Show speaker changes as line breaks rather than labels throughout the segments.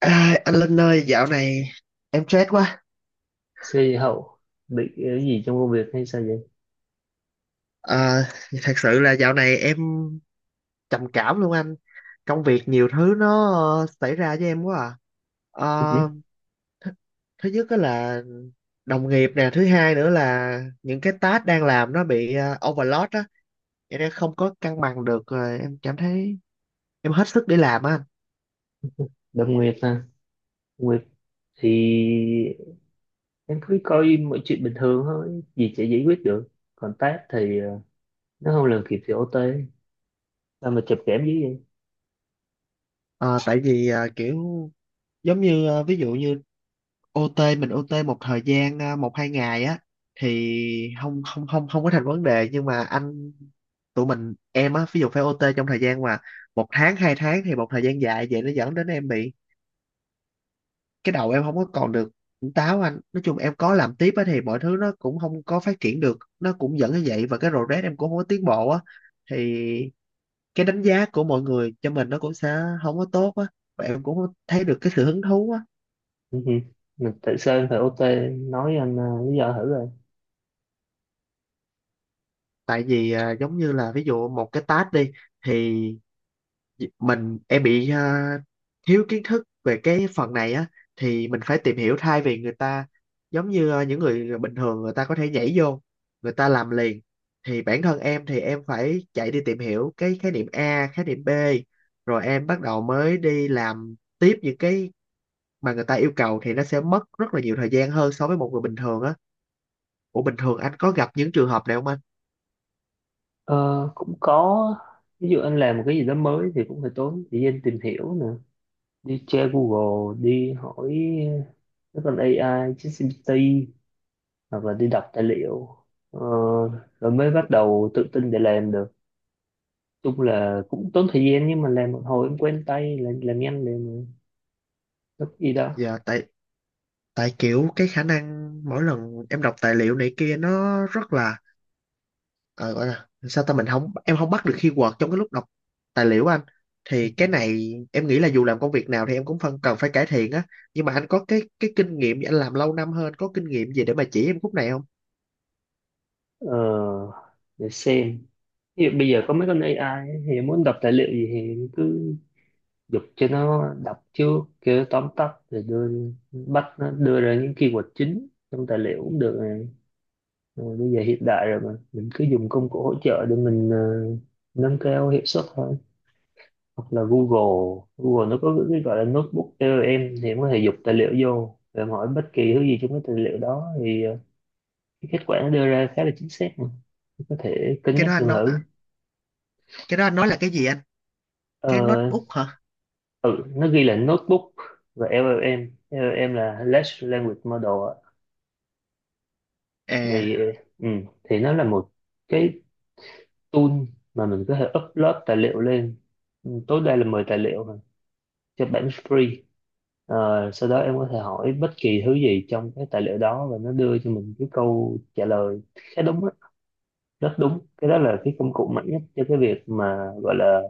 À, anh Linh ơi, dạo này em stress quá.
Xe hậu bị cái gì trong công việc hay sao vậy?
À, thật sự là dạo này em trầm cảm luôn anh. Công việc nhiều thứ nó xảy ra với em quá à. Ờ, th Thứ nhất đó là đồng nghiệp nè, thứ hai nữa là những cái task đang làm nó bị overload á, vậy nên không có cân bằng được rồi em cảm thấy em hết sức để làm á anh.
Đâm Nguyệt ha. Nguyệt thì em cứ coi mọi chuyện bình thường thôi, gì sẽ giải quyết được. Còn Tát thì nó không làm kịp thì OT. Sao mà chụp kẽm dữ vậy?
Ờ, tại vì kiểu giống như ví dụ như ô Tê mình ô Tê một thời gian à, một hai ngày á thì không không không không có thành vấn đề, nhưng mà anh tụi mình em á ví dụ phải ô Tê trong thời gian mà một tháng hai tháng thì một thời gian dài vậy, nó dẫn đến em bị cái đầu em không có còn được tỉnh táo anh. Nói chung em có làm tiếp á thì mọi thứ nó cũng không có phát triển được, nó cũng dẫn như vậy và cái progress em cũng không có tiến bộ á, thì cái đánh giá của mọi người cho mình nó cũng sẽ không có tốt á, và em cũng không thấy được cái sự hứng thú á.
Ừ hử. Mình tại sao em phải OT? Nói anh lý do thử rồi.
Tại vì giống như là ví dụ một cái task đi, thì em bị thiếu kiến thức về cái phần này á, thì mình phải tìm hiểu, thay vì người ta giống như những người bình thường người ta có thể nhảy vô, người ta làm liền, thì bản thân em thì em phải chạy đi tìm hiểu cái khái niệm A khái niệm B rồi em bắt đầu mới đi làm tiếp những cái mà người ta yêu cầu, thì nó sẽ mất rất là nhiều thời gian hơn so với một người bình thường á. Ủa bình thường anh có gặp những trường hợp này không anh?
Ờ, cũng có, ví dụ anh làm một cái gì đó mới thì cũng phải tốn thời gian tìm hiểu nè, đi tra Google, đi hỏi các con AI ChatGPT, hoặc là đi đọc tài liệu, ờ, rồi mới bắt đầu tự tin để làm được. Chung là cũng tốn thời gian, nhưng mà làm một hồi em quen tay làm nhanh để mà rất y đó.
Dạ tại tại kiểu cái khả năng mỗi lần em đọc tài liệu này kia nó rất là ờ, gọi là sao ta, mình không em không bắt được keyword trong cái lúc đọc tài liệu á anh, thì cái này em nghĩ là dù làm công việc nào thì em cũng phân cần phải cải thiện á. Nhưng mà anh có cái kinh nghiệm gì, anh làm lâu năm hơn có kinh nghiệm gì để mà chỉ em khúc này không?
ờ, để xem, ví dụ bây giờ có mấy con AI ấy, thì muốn đọc tài liệu gì thì cứ giục cho nó đọc trước, kêu nó tóm tắt rồi đưa, bắt nó đưa ra những keyword chính trong tài liệu cũng được này. Rồi bây giờ hiện đại rồi mà mình cứ dùng công cụ hỗ trợ để mình nâng cao hiệu suất thôi. Hoặc là Google, Google nó có cái gọi là notebook cho em, thì em có thể dục tài liệu vô và em hỏi bất kỳ thứ gì trong cái tài liệu đó, thì cái kết quả nó đưa ra khá là chính xác mà. Em có thể cân
cái
nhắc
đó anh
dùng
nói
thử.
cái đó anh nói là cái gì anh, cái
ờ,
notebook hả?
ừ, nó ghi là notebook, và LLM LLM là Large Language Model ạ.
À,
thì ờ, ừ, thì nó là một cái tool mà mình có thể upload tài liệu lên. Ừ, tối đa là 10 tài liệu mà, cho bản free. Ờ, sau đó em có thể hỏi bất kỳ thứ gì trong cái tài liệu đó và nó đưa cho mình cái câu trả lời khá đúng á, rất đúng. Cái đó là cái công cụ mạnh nhất cho cái việc mà gọi là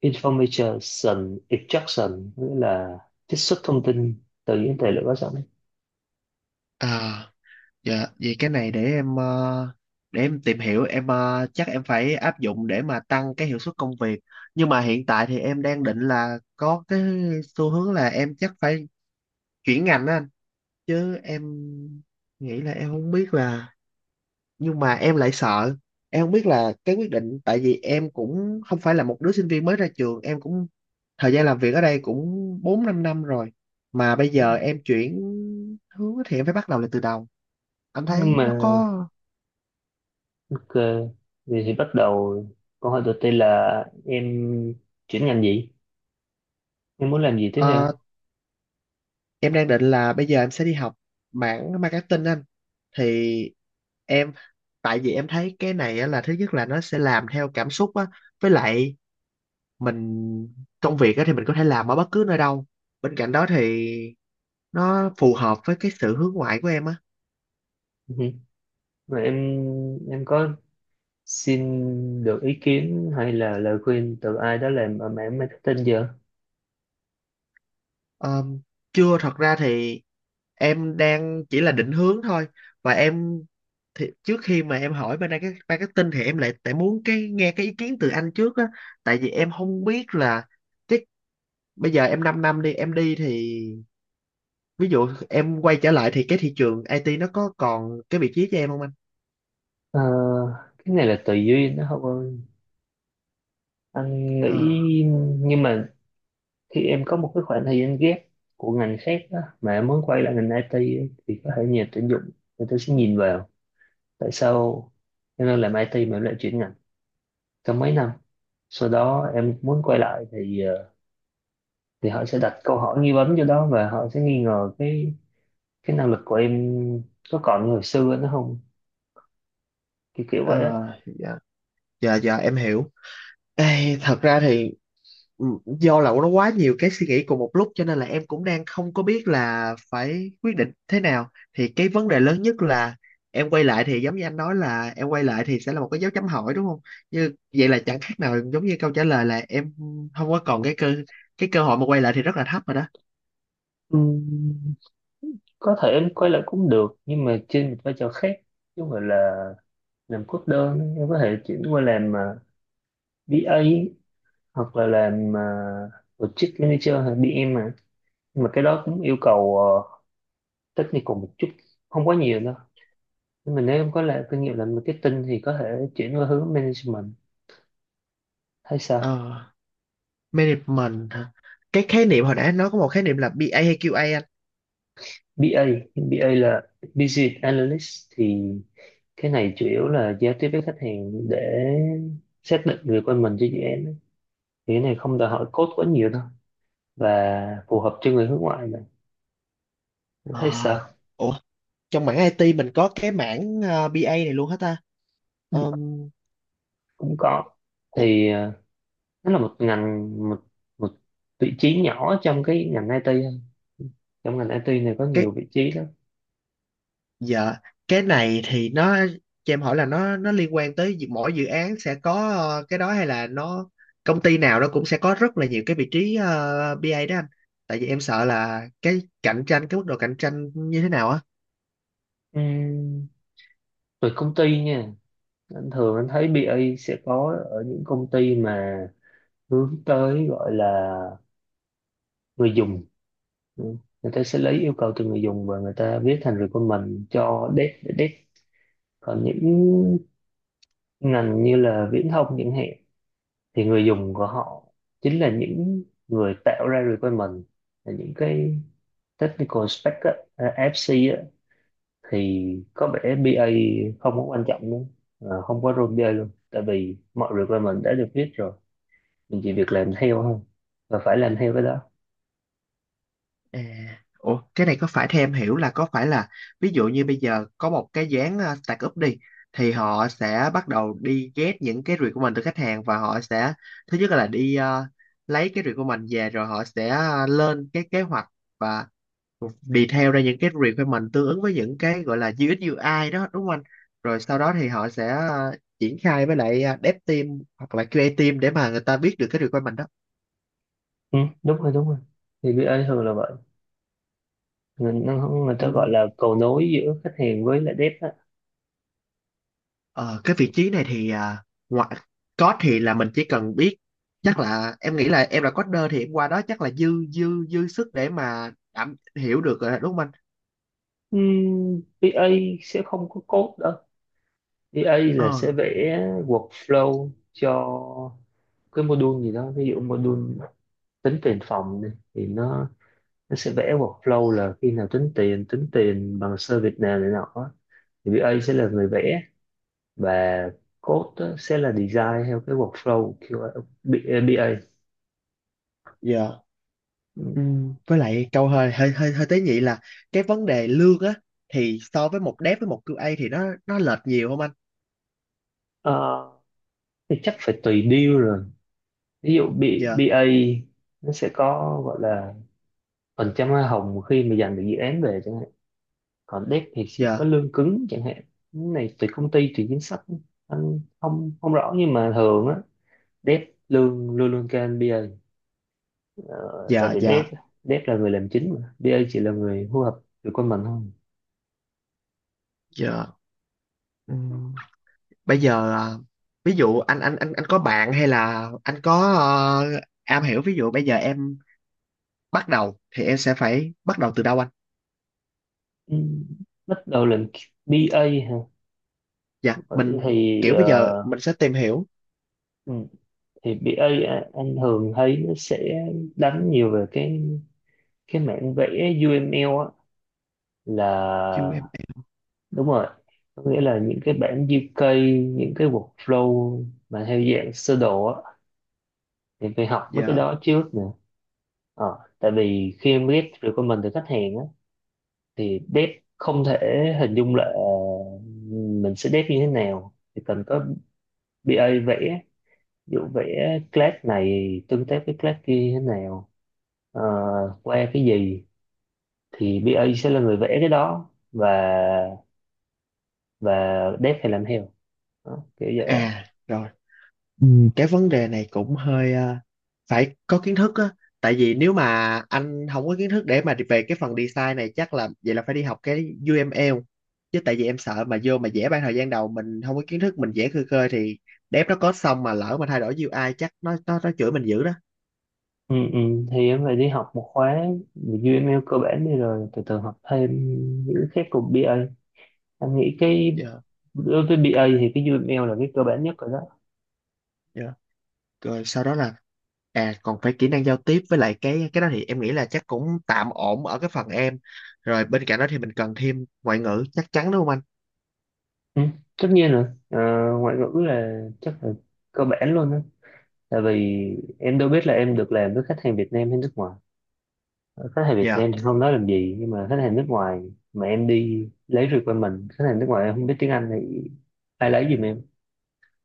information extraction, nghĩa là trích xuất thông tin từ những tài liệu có sẵn.
à. Dạ, vậy cái này để em để em tìm hiểu em, chắc em phải áp dụng để mà tăng cái hiệu suất công việc. Nhưng mà hiện tại thì em đang định là có cái xu hướng là em chắc phải chuyển ngành á anh, chứ em nghĩ là em không biết là, nhưng mà em lại sợ. Em không biết là cái quyết định, tại vì em cũng không phải là một đứa sinh viên mới ra trường, em cũng thời gian làm việc ở đây cũng 4 5 năm rồi mà bây giờ em chuyển hướng thì em phải bắt đầu lại từ đầu. Anh
Nhưng
thấy nó
mà
có
ok, vậy thì bắt đầu câu hỏi đầu tiên là em chuyển ngành gì? Em muốn làm gì tiếp theo?
ờ, em đang định là bây giờ em sẽ đi học mảng marketing anh, thì em tại vì em thấy cái này á là thứ nhất là nó sẽ làm theo cảm xúc á, với lại mình công việc á thì mình có thể làm ở bất cứ nơi đâu, bên cạnh đó thì nó phù hợp với cái sự hướng ngoại của em á.
Ừ. Và em có xin được ý kiến hay là lời khuyên từ ai đó làm ở mảng marketing giờ?
Ờ, chưa, thật ra thì em đang chỉ là định hướng thôi, và em thì trước khi mà em hỏi bên đây cái marketing thì em lại tại muốn cái nghe cái ý kiến từ anh trước á, tại vì em không biết là cái bây giờ em 5 năm đi em đi thì ví dụ em quay trở lại thì cái thị trường IT nó có còn cái vị trí cho em không anh.
Ờ, cái này là tùy duyên đó không ơi, anh
Ờ,
nghĩ. Nhưng mà khi em có một cái khoảng thời gian ghép của ngành khác đó, mà em muốn quay lại ngành IT ấy, thì có thể nhà tuyển dụng, người ta sẽ nhìn vào tại sao em đang làm IT mà em lại chuyển ngành trong mấy năm, sau đó em muốn quay lại thì thì họ sẽ đặt câu hỏi nghi vấn cho đó và họ sẽ nghi ngờ cái năng lực của em có còn như hồi xưa nữa không, kiểu kiểu vậy đó.
ờ, dạ dạ dạ em hiểu. Ê, thật ra thì ừ, do là nó quá nhiều cái suy nghĩ cùng một lúc cho nên là em cũng đang không có biết là phải quyết định thế nào, thì cái vấn đề lớn nhất là em quay lại thì giống như anh nói là em quay lại thì sẽ là một cái dấu chấm hỏi đúng không, như vậy là chẳng khác nào giống như câu trả lời là em không có còn cái cơ hội mà quay lại thì rất là thấp rồi đó.
Ừm, có thể em quay lại cũng được, nhưng mà trên một vai trò khác, chứ không phải là làm cốt đơn. Em có thể chuyển qua làm BA, hoặc là làm project manager hay bê em mà. Nhưng mà cái đó cũng yêu cầu technical một chút, không quá nhiều đâu. Nhưng mà nếu em có là kinh nghiệm làm marketing thì có thể chuyển qua hướng management hay sao.
Ờ, management hả? Cái khái niệm hồi nãy anh nói có một khái niệm là BA hay QA anh?
BA, BA là business analyst, thì cái này chủ yếu là giao tiếp với khách hàng để xác định người requirement cho dự án, thì cái này không đòi hỏi code quá nhiều đâu, và phù hợp cho người hướng ngoại này.
À,
Thấy sao?
ủa, trong mảng IT mình có cái mảng BA này luôn hả ta?
Ừ,
Ờm,
cũng có.
ủa,
thì ờ, nó là một ngành, một một vị trí nhỏ trong cái ngành IT thôi. Trong ngành IT này có nhiều
cái
vị trí lắm.
dạ cái này thì nó cho em hỏi là nó liên quan tới dự- mỗi dự án sẽ có cái đó, hay là nó công ty nào nó cũng sẽ có rất là nhiều cái vị trí BA đó anh, tại vì em sợ là cái cạnh tranh cái mức độ cạnh tranh như thế nào á.
Ừm, về công ty nha, anh thường anh thấy BA sẽ có ở những công ty mà hướng tới gọi là người dùng. Ừ. Người ta sẽ lấy yêu cầu từ người dùng và người ta viết thành requirement cho dev để dev. Còn những ngành như là viễn thông chẳng hạn, thì người dùng của họ chính là những người tạo ra requirement, là những cái technical spec á, à, FC á, thì có vẻ BA không có quan trọng nữa. Ờ, không có role BA luôn, tại vì mọi requirement đã được viết rồi, mình chỉ việc làm theo thôi, và phải làm theo cái đó.
À, ủa, cái này có phải theo em hiểu là có phải là ví dụ như bây giờ có một cái dự án startup đi, thì họ sẽ bắt đầu đi ghét những cái review của mình từ khách hàng và họ sẽ thứ nhất là đi lấy cái review của mình về rồi họ sẽ lên cái kế hoạch và detail ra những cái review của mình tương ứng với những cái gọi là UX UI đó đúng không anh? Rồi sau đó thì họ sẽ triển khai với lại dev team hoặc là QA team để mà người ta biết được cái review của mình
Ừ, đúng rồi, đúng rồi, thì BA thường là vậy, người, nó- người
đó.
ta gọi là cầu nối giữa khách hàng với lại dev á.
Ờ, cái vị trí này thì à, ngoại code thì là mình chỉ cần biết, chắc là em nghĩ là em là coder thì em qua đó chắc là dư dư dư sức để mà đảm hiểu được rồi, đúng không anh?
BA sẽ không có code đâu. BA là
Ờ,
sẽ vẽ workflow cho cái module gì đó, ví dụ module tính tiền phòng đi, thì nó sẽ vẽ workflow là khi nào tính tiền, tính tiền bằng service nào này nọ á. Thì BA sẽ là người vẽ, và code á, sẽ là design theo cái workflow. QA, B- a.
dạ.
Ừ.
Với lại câu hơi hơi hơi hơi tế nhị là cái vấn đề lương á, thì so với một dev với một QA thì nó lệch nhiều không anh?
Ờ, thì chắc phải tùy deal rồi. Ví dụ
Dạ,
B- a nó sẽ có gọi là phần trăm hoa hồng khi mà giành được dự án về chẳng hạn, còn dev thì sẽ có
dạ,
lương cứng chẳng hạn. Cái này tùy công ty, tùy chính sách, anh không không rõ, nhưng mà thường á, Dev luôn luôn luôn kênh BA. Ờ, Tại
dạ,
vì
dạ,
Dev Dev là người làm chính, mà BA chỉ là người hô hợp được con mình thôi.
dạ. Ừm, bây giờ à, ví dụ anh có bạn hay là anh có am hiểu, ví dụ bây giờ em bắt đầu thì em sẽ phải bắt đầu từ đâu anh?
Ừ, bắt đầu làm BA hả?
Dạ
Vậy
mình
thì
kiểu bây giờ mình sẽ tìm hiểu
ừ, thì BA a- á, anh thường thấy nó sẽ đánh nhiều về cái mảng vẽ UML á, là,
UML.
đúng rồi, có nghĩa là những cái bản UK, những cái workflow mà theo dạng sơ đồ á, thì phải học mấy cái
Giờ
đó trước nè. Ờ, tại vì khi em ghép recommend từ khách hàng á, thì date không thể hình dung là mình sẽ date như thế nào, thì cần có BA vẽ, ví dụ vẽ class này tương tác với class kia như thế nào, ờ, qua cái gì, thì BA sẽ là người vẽ cái đó, và dev phải làm theo đó, kiểu vậy á.
à, rồi. Ừ, cái vấn đề này cũng hơi phải có kiến thức á, tại vì nếu mà anh không có kiến thức để mà về cái phần design này chắc là vậy là phải đi học cái UML, chứ tại vì em sợ mà vô mà vẽ ban thời gian đầu mình không có kiến thức mình vẽ khơi khơi thì dev nó có xong mà lỡ mà thay đổi UI chắc nó chửi mình dữ đó.
ừ, ừ. Thì em phải đi học một khóa về UML cơ bản đi, rồi từ từ học thêm những cái khác cùng BA. Anh nghĩ cái
Dạ,
đối với BA thì cái UML là cái cơ bản nhất rồi đó.
dạ, rồi sau đó là à còn phải kỹ năng giao tiếp với lại cái đó thì em nghĩ là chắc cũng tạm ổn ở cái phần em. Rồi bên cạnh đó thì mình cần thêm ngoại ngữ chắc chắn đúng không anh?
Ừ, tất nhiên rồi. Ờ, ngoại ngữ là chắc là cơ bản luôn á, tại vì em đâu biết là em được làm với khách hàng Việt Nam hay nước ngoài. Ờ, khách hàng Việt
Dạ,
Nam thì không nói làm gì, nhưng mà khách hàng nước ngoài mà em đi lấy requirement khách hàng nước ngoài em không biết tiếng Anh thì ai lấy giùm em,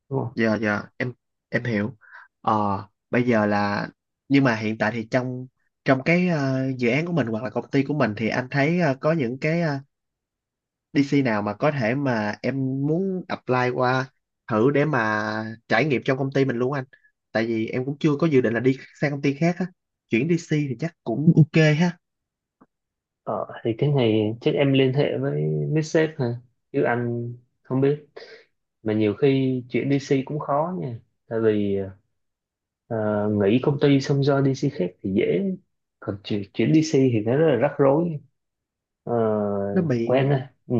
đúng không?
dạ em hiểu. Ờ, bây giờ là, nhưng mà hiện tại thì trong trong cái dự án của mình hoặc là công ty của mình thì anh thấy có những cái DC nào mà có thể mà em muốn apply qua thử để mà trải nghiệm trong công ty mình luôn anh. Tại vì em cũng chưa có dự định là đi sang công ty khác á. Chuyển DC thì chắc cũng ok ha.
Ờ, thì cái này chắc em liên hệ với sếp hả, chứ anh không biết. Mà nhiều khi chuyển DC cũng khó nha, tại vì ờ, nghỉ công ty xong do DC khác thì dễ, còn chuyển DC thì nó rất là rắc rối. ờ,
Nó bị
Quen thôi. Ừ,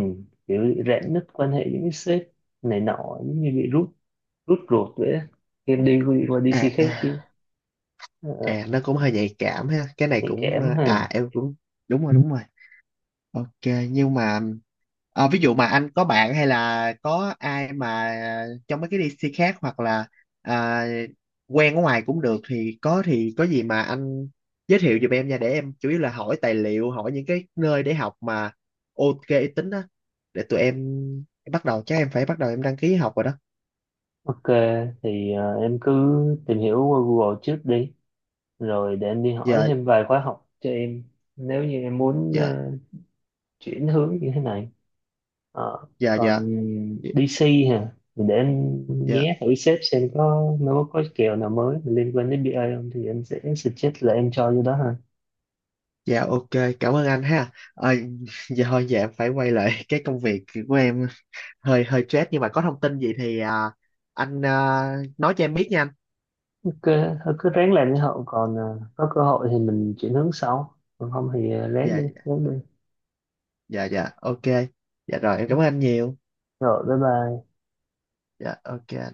kiểu rạn nứt quan hệ với những sếp này nọ, giống như bị rút rút ruột vậy á. Em đi qua
à,
DC khác
à,
chứ. ờ, ờ,
à, nó cũng hơi nhạy cảm ha, cái này
Nhạy
cũng
cảm ha.
à em cũng đúng rồi đúng rồi. Ok, nhưng mà ví dụ mà anh có bạn hay là có ai mà trong mấy cái DC khác hoặc là à, quen ở ngoài cũng được thì có gì mà anh giới thiệu giùm em nha, để em chủ yếu là hỏi tài liệu, hỏi những cái nơi để học mà ok uy tín á, để tụi em bắt đầu chắc em phải bắt đầu em đăng ký học rồi đó.
Ok, thì em cứ tìm hiểu qua Google trước đi, rồi để em đi hỏi
Giờ
thêm vài khóa học cho em, nếu như em muốn
giờ
chuyển hướng như thế này. Ờ,
giờ giờ
còn DC hả, thì để em
giờ
nhé thử sếp xem có nó có kèo nào mới liên quan đến BA không, thì em sẽ suggest là em cho vô đó ha.
Dạ ok, cảm ơn anh ha. Ờ, giờ thôi dạ em phải quay lại cái công việc của em hơi hơi stress, nhưng mà có thông tin gì thì à, anh à, nói cho em biết nha anh.
Cứ, thôi cứ ráng làm như hậu, còn à, có cơ hội thì mình chuyển hướng sau, còn không thì à, ráng
Dạ
đi ráng đi.
dạ dạ ok. Dạ rồi em cảm ơn anh nhiều.
Rồi, bye bye.
Dạ ok.